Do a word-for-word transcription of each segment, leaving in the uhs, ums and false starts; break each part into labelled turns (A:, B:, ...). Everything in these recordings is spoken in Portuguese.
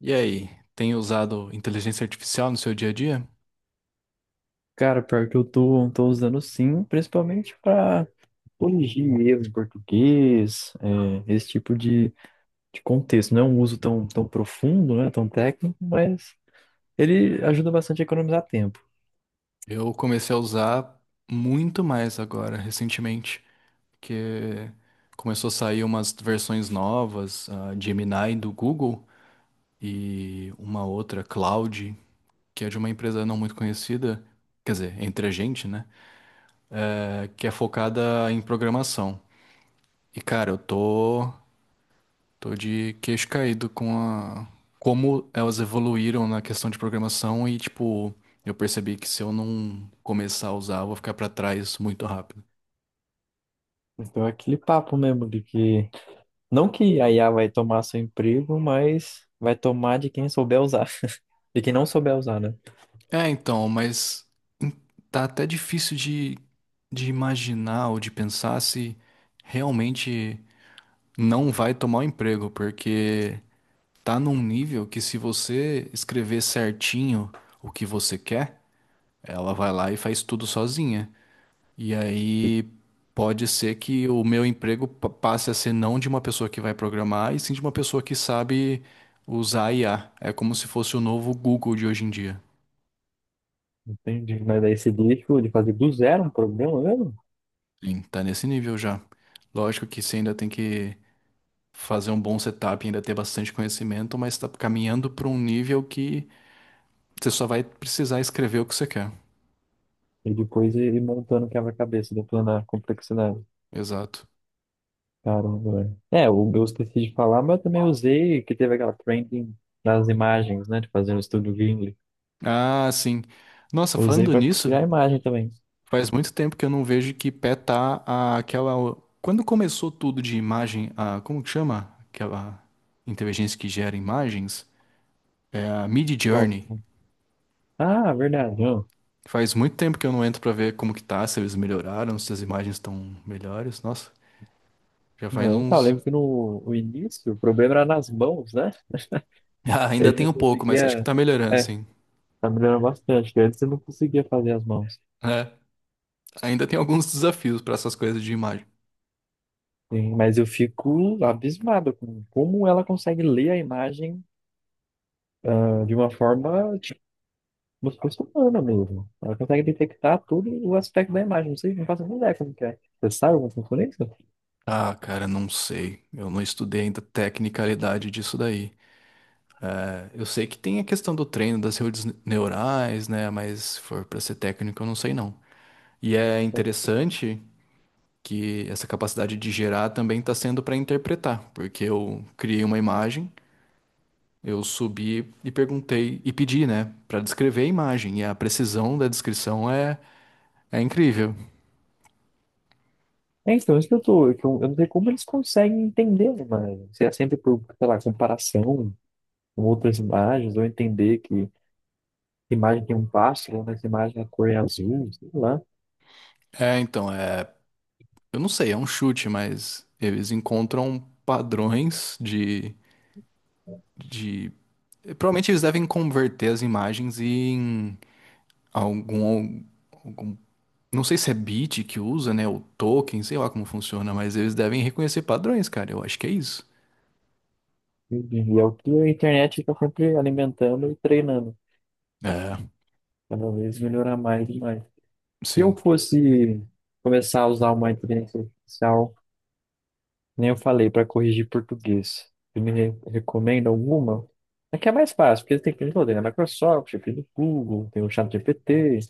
A: E aí, tem usado inteligência artificial no seu dia a dia?
B: Cara, pior que eu tô, tô usando, sim, principalmente para corrigir erros em português, é, esse tipo de, de contexto. Não é um uso tão, tão profundo, né, tão técnico, mas ele ajuda bastante a economizar tempo.
A: Eu comecei a usar muito mais agora, recentemente, porque começou a sair umas versõões novas, a Gemini do Google e uma outra, Cloud, que é de uma empresa não muito conhecida, quer dizer, entre a gente, né? É, que é focada em programação. E cara, eu tô Tô de queixo caído com a como elas evoluíram na questão de programação e, tipo, eu percebi que se eu não começar a usar, eu vou ficar pra trás muito rápido.
B: Então é aquele papo mesmo de que, não que a I A vai tomar seu emprego, mas vai tomar de quem souber usar, de quem não souber usar, né?
A: É, então, mas tá até difícil de, de imaginar ou de pensar se realmente não vai tomar o emprego, porque tá num nível que, se você escrever certinho o que você quer, ela vai lá e faz tudo sozinha. E aí pode ser que o meu emprego pa- passe a ser não de uma pessoa que vai programar, e sim de uma pessoa que sabe usar I A. É como se fosse o novo Google de hoje em dia.
B: Entendi. Mas daí esse lixo de fazer do zero um problema mesmo,
A: Sim, tá nesse nível já. Lógico que você ainda tem que fazer um bom setup, ainda ter bastante conhecimento, mas tá caminhando para um nível que você só vai precisar escrever o que você quer.
B: e depois ele montando o quebra-cabeça, depois na complexidade.
A: Exato.
B: Caramba, velho. É, o- eu esqueci de falar, mas eu também usei, que teve aquela trending das imagens, né? De fazer um estudo Gimli.
A: Ah, sim. Nossa,
B: Usei
A: falando
B: pra
A: nisso,
B: criar imagem também.
A: faz muito tempo que eu não vejo que pé tá a- aquela. Quando começou tudo de imagem, a como que chama? Aquela inteligência que gera imagens? É a Journey.
B: Próximo. Ah, verdade, ó.
A: Faz muito tempo que eu não entro pra ver como que tá, se eles melhoraram, se as imagens estão melhores. Nossa, já faz
B: Não. Eu, tá, eu
A: uns.
B: lembro que no o início o problema era nas mãos, né?
A: Ah, ainda
B: Ele
A: tem
B: não
A: um pouco, mas acho que
B: conseguia.
A: tá melhorando,
B: É,
A: sim.
B: tá melhorando bastante, que antes eu não conseguia fazer as mãos.
A: É, ainda tem alguns desafios pra essas coisas de imagem.
B: Sim, mas eu fico abismado com como ela consegue ler a imagem, ah, de uma forma. Por por mesmo. Ela consegue detectar todo o aspecto da imagem. Não sei, não faço nem ideia como que é. Você sabe como funciona isso? Como
A: Ah, cara, não sei. Eu não estudei ainda a tecnicalidade disso daí. É, eu sei que tem a questão do treino das redes neurais, né? Mas se for para ser técnico, eu não sei não. E é
B: é que-
A: interessante que essa capacidade de gerar também está sendo para interpretar, porque eu criei uma imagem, eu subi e perguntei e pedi, né, para descrever a imagem. E a precisão da descrição é, é incrível.
B: É, é, então, isso que eu tô. É que Eu, eu não sei como eles conseguem entender as imagens. Se é sempre por, sei lá, comparação com outras imagens, ou entender que imagem tem um pássaro, nessa imagem é a cor é azul, sei lá.
A: É, então, é, eu não sei, é um chute, mas eles encontram padrões de, de provavelmente eles devem converter as imagens em algum, algum- não sei se é bit que usa, né, ou token, sei lá como funciona, mas eles devem reconhecer padrões, cara. Eu acho que é isso.
B: E, e é o que a internet fica sempre alimentando e treinando.
A: É,
B: Cada vez melhorar mais e mais. Se eu
A: sim.
B: fosse começar a usar uma inteligência artificial. Nem eu falei, para corrigir português. Você me re- recomenda alguma? Aqui é mais fácil, porque tem que toda, tem na Microsoft, tem do Google, tem o ChatGPT. O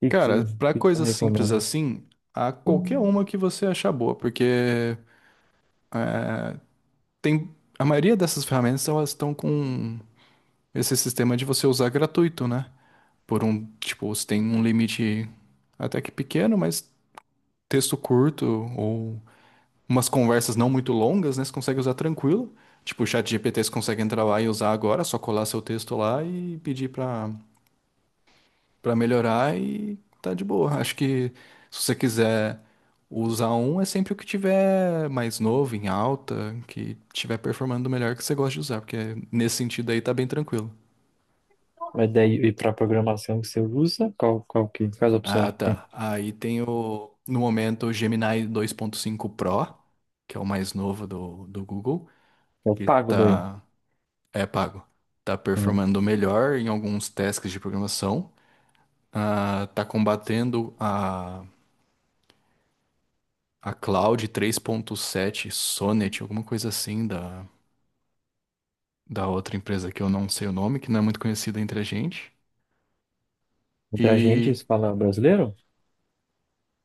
B: que, que,
A: Cara,
B: o
A: pra
B: que que eu
A: coisas simples
B: recomendo?
A: assim, há qualquer uma que você achar boa, porque é, tem a maioria dessas ferramentas, elas estão com esse sistema de você usar gratuito, né? Por um, tipo, você tem um limite até que pequeno, mas texto curto ou umas conversas não muito longas, né? Você consegue usar tranquilo. Tipo, o chat G P T você consegue entrar lá e usar agora, é só colar seu texto lá e pedir pra, pra melhorar e tá de boa. Acho que, se você quiser usar um, é sempre o que tiver mais novo, em alta, que tiver performando melhor, que você gosta de usar, porque nesse sentido aí tá bem tranquilo.
B: Mas daí, e para programação que você usa, qual, qual que, quais
A: Ah,
B: opções que tem?
A: tá. Aí tem o, no momento, o Gemini dois ponto cinco Pro, que é o mais novo do, do Google,
B: Eu
A: que
B: pago daí.
A: tá É pago. Tá
B: Hum.
A: performando melhor em alguns tasks de programação. Ah, tá combatendo a, a Cloud três ponto sete Sonnet, alguma coisa assim da, da outra empresa que eu não sei o nome, que não é muito conhecida entre a gente.
B: Entre a gente,
A: E
B: se fala brasileiro?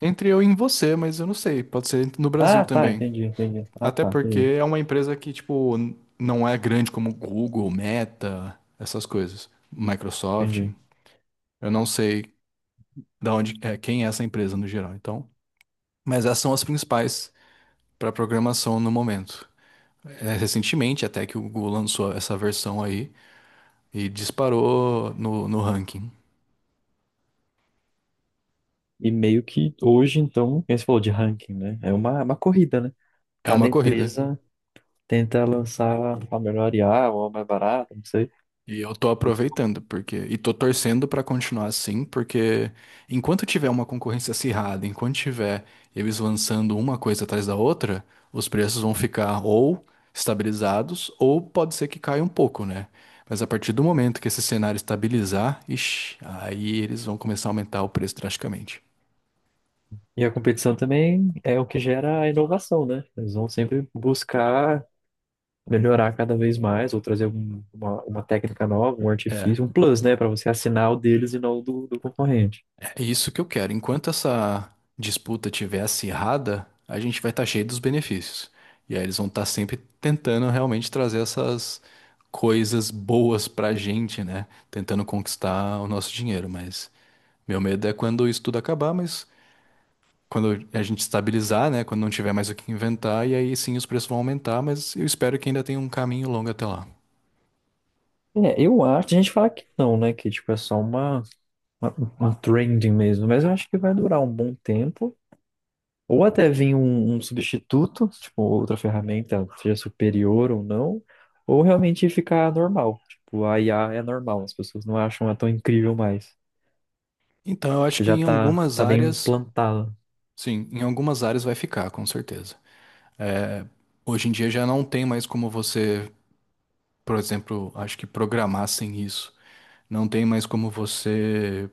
A: entre eu e em você, mas eu não sei, pode ser no Brasil
B: Ah, tá,
A: também.
B: entendi, entendi. Ah,
A: Até
B: tá,
A: porque
B: entendi,
A: é uma empresa que, tipo, n- não é grande como Google, Meta, essas coisas. Microsoft.
B: entendi.
A: Eu não sei da onde é, quem é essa empresa no geral. Então, mas essas são as principais para programação no momento. É, recentemente, até que o Google lançou essa versão aí e disparou no, no ranking.
B: E meio que hoje, então, como você falou de ranking, né? É uma, uma corrida, né?
A: É
B: Cada
A: uma corrida.
B: empresa tentar lançar a melhor I A ou a mais barata, não sei.
A: E eu tô aproveitando, porque e tô torcendo pra continuar assim, porque enquanto tiver uma concorrência acirrada, enquanto tiver eles lançando uma coisa atrás da outra, os preços vão ficar ou estabilizados, ou pode ser que caia um pouco, né? Mas a partir do momento que esse cenário estabilizar, ixi, aí eles vão começar a aumentar o preço drasticamente.
B: E a competição também é o que gera a inovação, né? Eles vão sempre buscar melhorar cada vez mais ou trazer um- uma, uma técnica nova, um
A: É.
B: artifício, um plus, né? Para você assinar o deles e não o do, do concorrente.
A: É isso que eu quero. Enquanto essa disputa estiver acirrada, a gente vai estar cheio dos benefícios. E aí eles vão estar sempre tentando realmente trazer essas coisas boas pra gente, né? Tentando conquistar o nosso dinheiro. Mas meu medo é quando isso tudo acabar, mas quando a gente estabilizar, né? Quando não tiver mais o que inventar, e aí sim os preços vão aumentar, mas eu espero que ainda tenha um caminho longo até lá.
B: É, eu acho, a gente fala que não, né? Que tipo, é só uma, uma, uma trending mesmo, mas eu acho que vai durar um bom tempo. Ou até vir um, um substituto, tipo, outra ferramenta, seja superior ou não, ou realmente ficar normal. Tipo, a I A é normal, as pessoas não acham ela tão incrível mais,
A: Então eu acho
B: porque
A: que
B: já
A: em
B: tá,
A: algumas
B: tá bem
A: áreas,
B: implantada.
A: sim, em algumas áreas vai ficar, com certeza. Hoje em dia já não tem mais como você, por exemplo, acho que programar sem isso. Não tem mais como você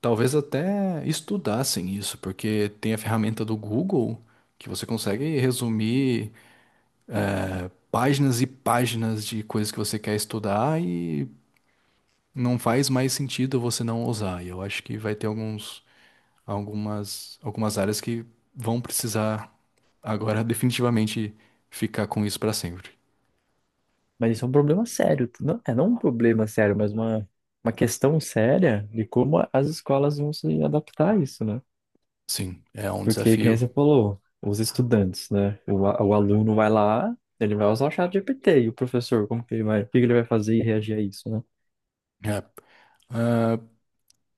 A: talvez até estudar sem isso, porque tem a ferramenta do Google que você consegue resumir páginas e páginas de coisas que você quer estudar e não faz mais sentido você não usar. E eu acho que vai ter alguns, algumas, algumas áreas que vão precisar agora definitivamente ficar com isso para sempre.
B: Mas isso é um problema sério, tu- não, é não um problema sério, mas uma, uma questão séria de como as escolas vão se adaptar a isso, né?
A: Sim, é um
B: Porque, como
A: desafio.
B: você falou, os estudantes, né? O, a- o aluno vai lá, ele vai usar o chat G P T, e o professor, como que ele vai, o que que ele vai fazer e reagir a isso, né?
A: É. Ah,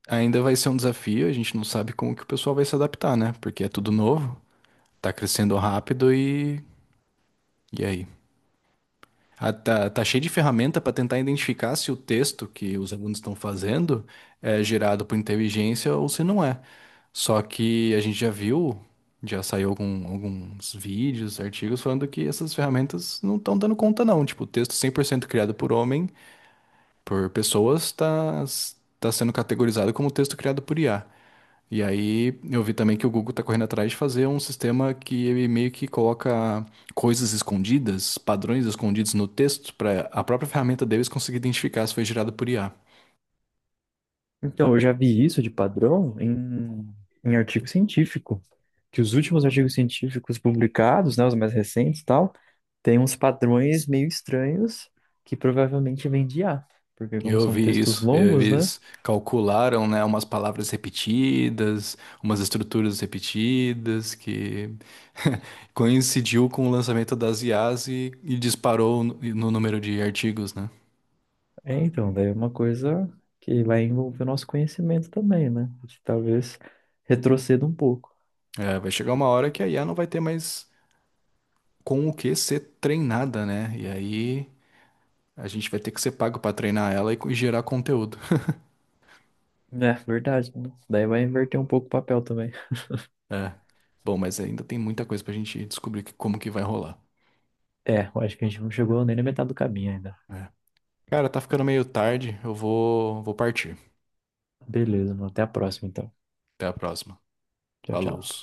A: ainda vai ser um desafio, a gente não sabe como que o pessoal vai se adaptar, né? Porque é tudo novo, tá crescendo rápido e. E aí? Ah, tá, tá cheio de ferramenta para tentar identificar se o texto que os alunos estão fazendo é gerado por inteligência ou se não é. Só que a gente já viu, já saiu algum- alguns vídeos, artigos falando que essas ferramentas não estão dando conta, não. Tipo, o texto cem por cento criado por homem, por pessoas, tá, tá sendo categorizado como texto criado por I A. E aí eu vi também que o Google está correndo atrás de fazer um sistema que ele meio que coloca coisas escondidas, padrões escondidos no texto, para a própria ferramenta deles conseguir identificar se foi gerado por I A.
B: Então, eu já vi isso de padrão em, em artigo científico, que os últimos artigos científicos publicados, né, os mais recentes e tal, têm uns padrões meio estranhos que provavelmente vêm de I a, porque como
A: Eu
B: são
A: vi
B: textos
A: isso,
B: longos, né?
A: eles calcularam, né, umas palavras repetidas, umas estruturas repetidas, que coincidiu com o lançamento das I As e, e disparou no, no número de artigos, né?
B: É, então, daí é uma coisa que vai envolver o nosso conhecimento também, né? Que talvez retroceda um pouco.
A: É, vai chegar uma hora que a I A não vai ter mais com o que ser treinada, né? E aí a gente vai ter que ser pago pra treinar ela e co- e gerar conteúdo.
B: É, verdade, né? Daí vai inverter um pouco o papel também.
A: É. Bom, mas ainda tem muita coisa pra gente descobrir que- como que vai rolar.
B: É, eu acho que a gente não chegou nem na metade do caminho ainda.
A: É. Cara, tá ficando meio tarde, eu vou, vou partir.
B: Beleza, mano. Até a próxima, então.
A: Até a próxima.
B: Tchau,
A: Falou.
B: tchau.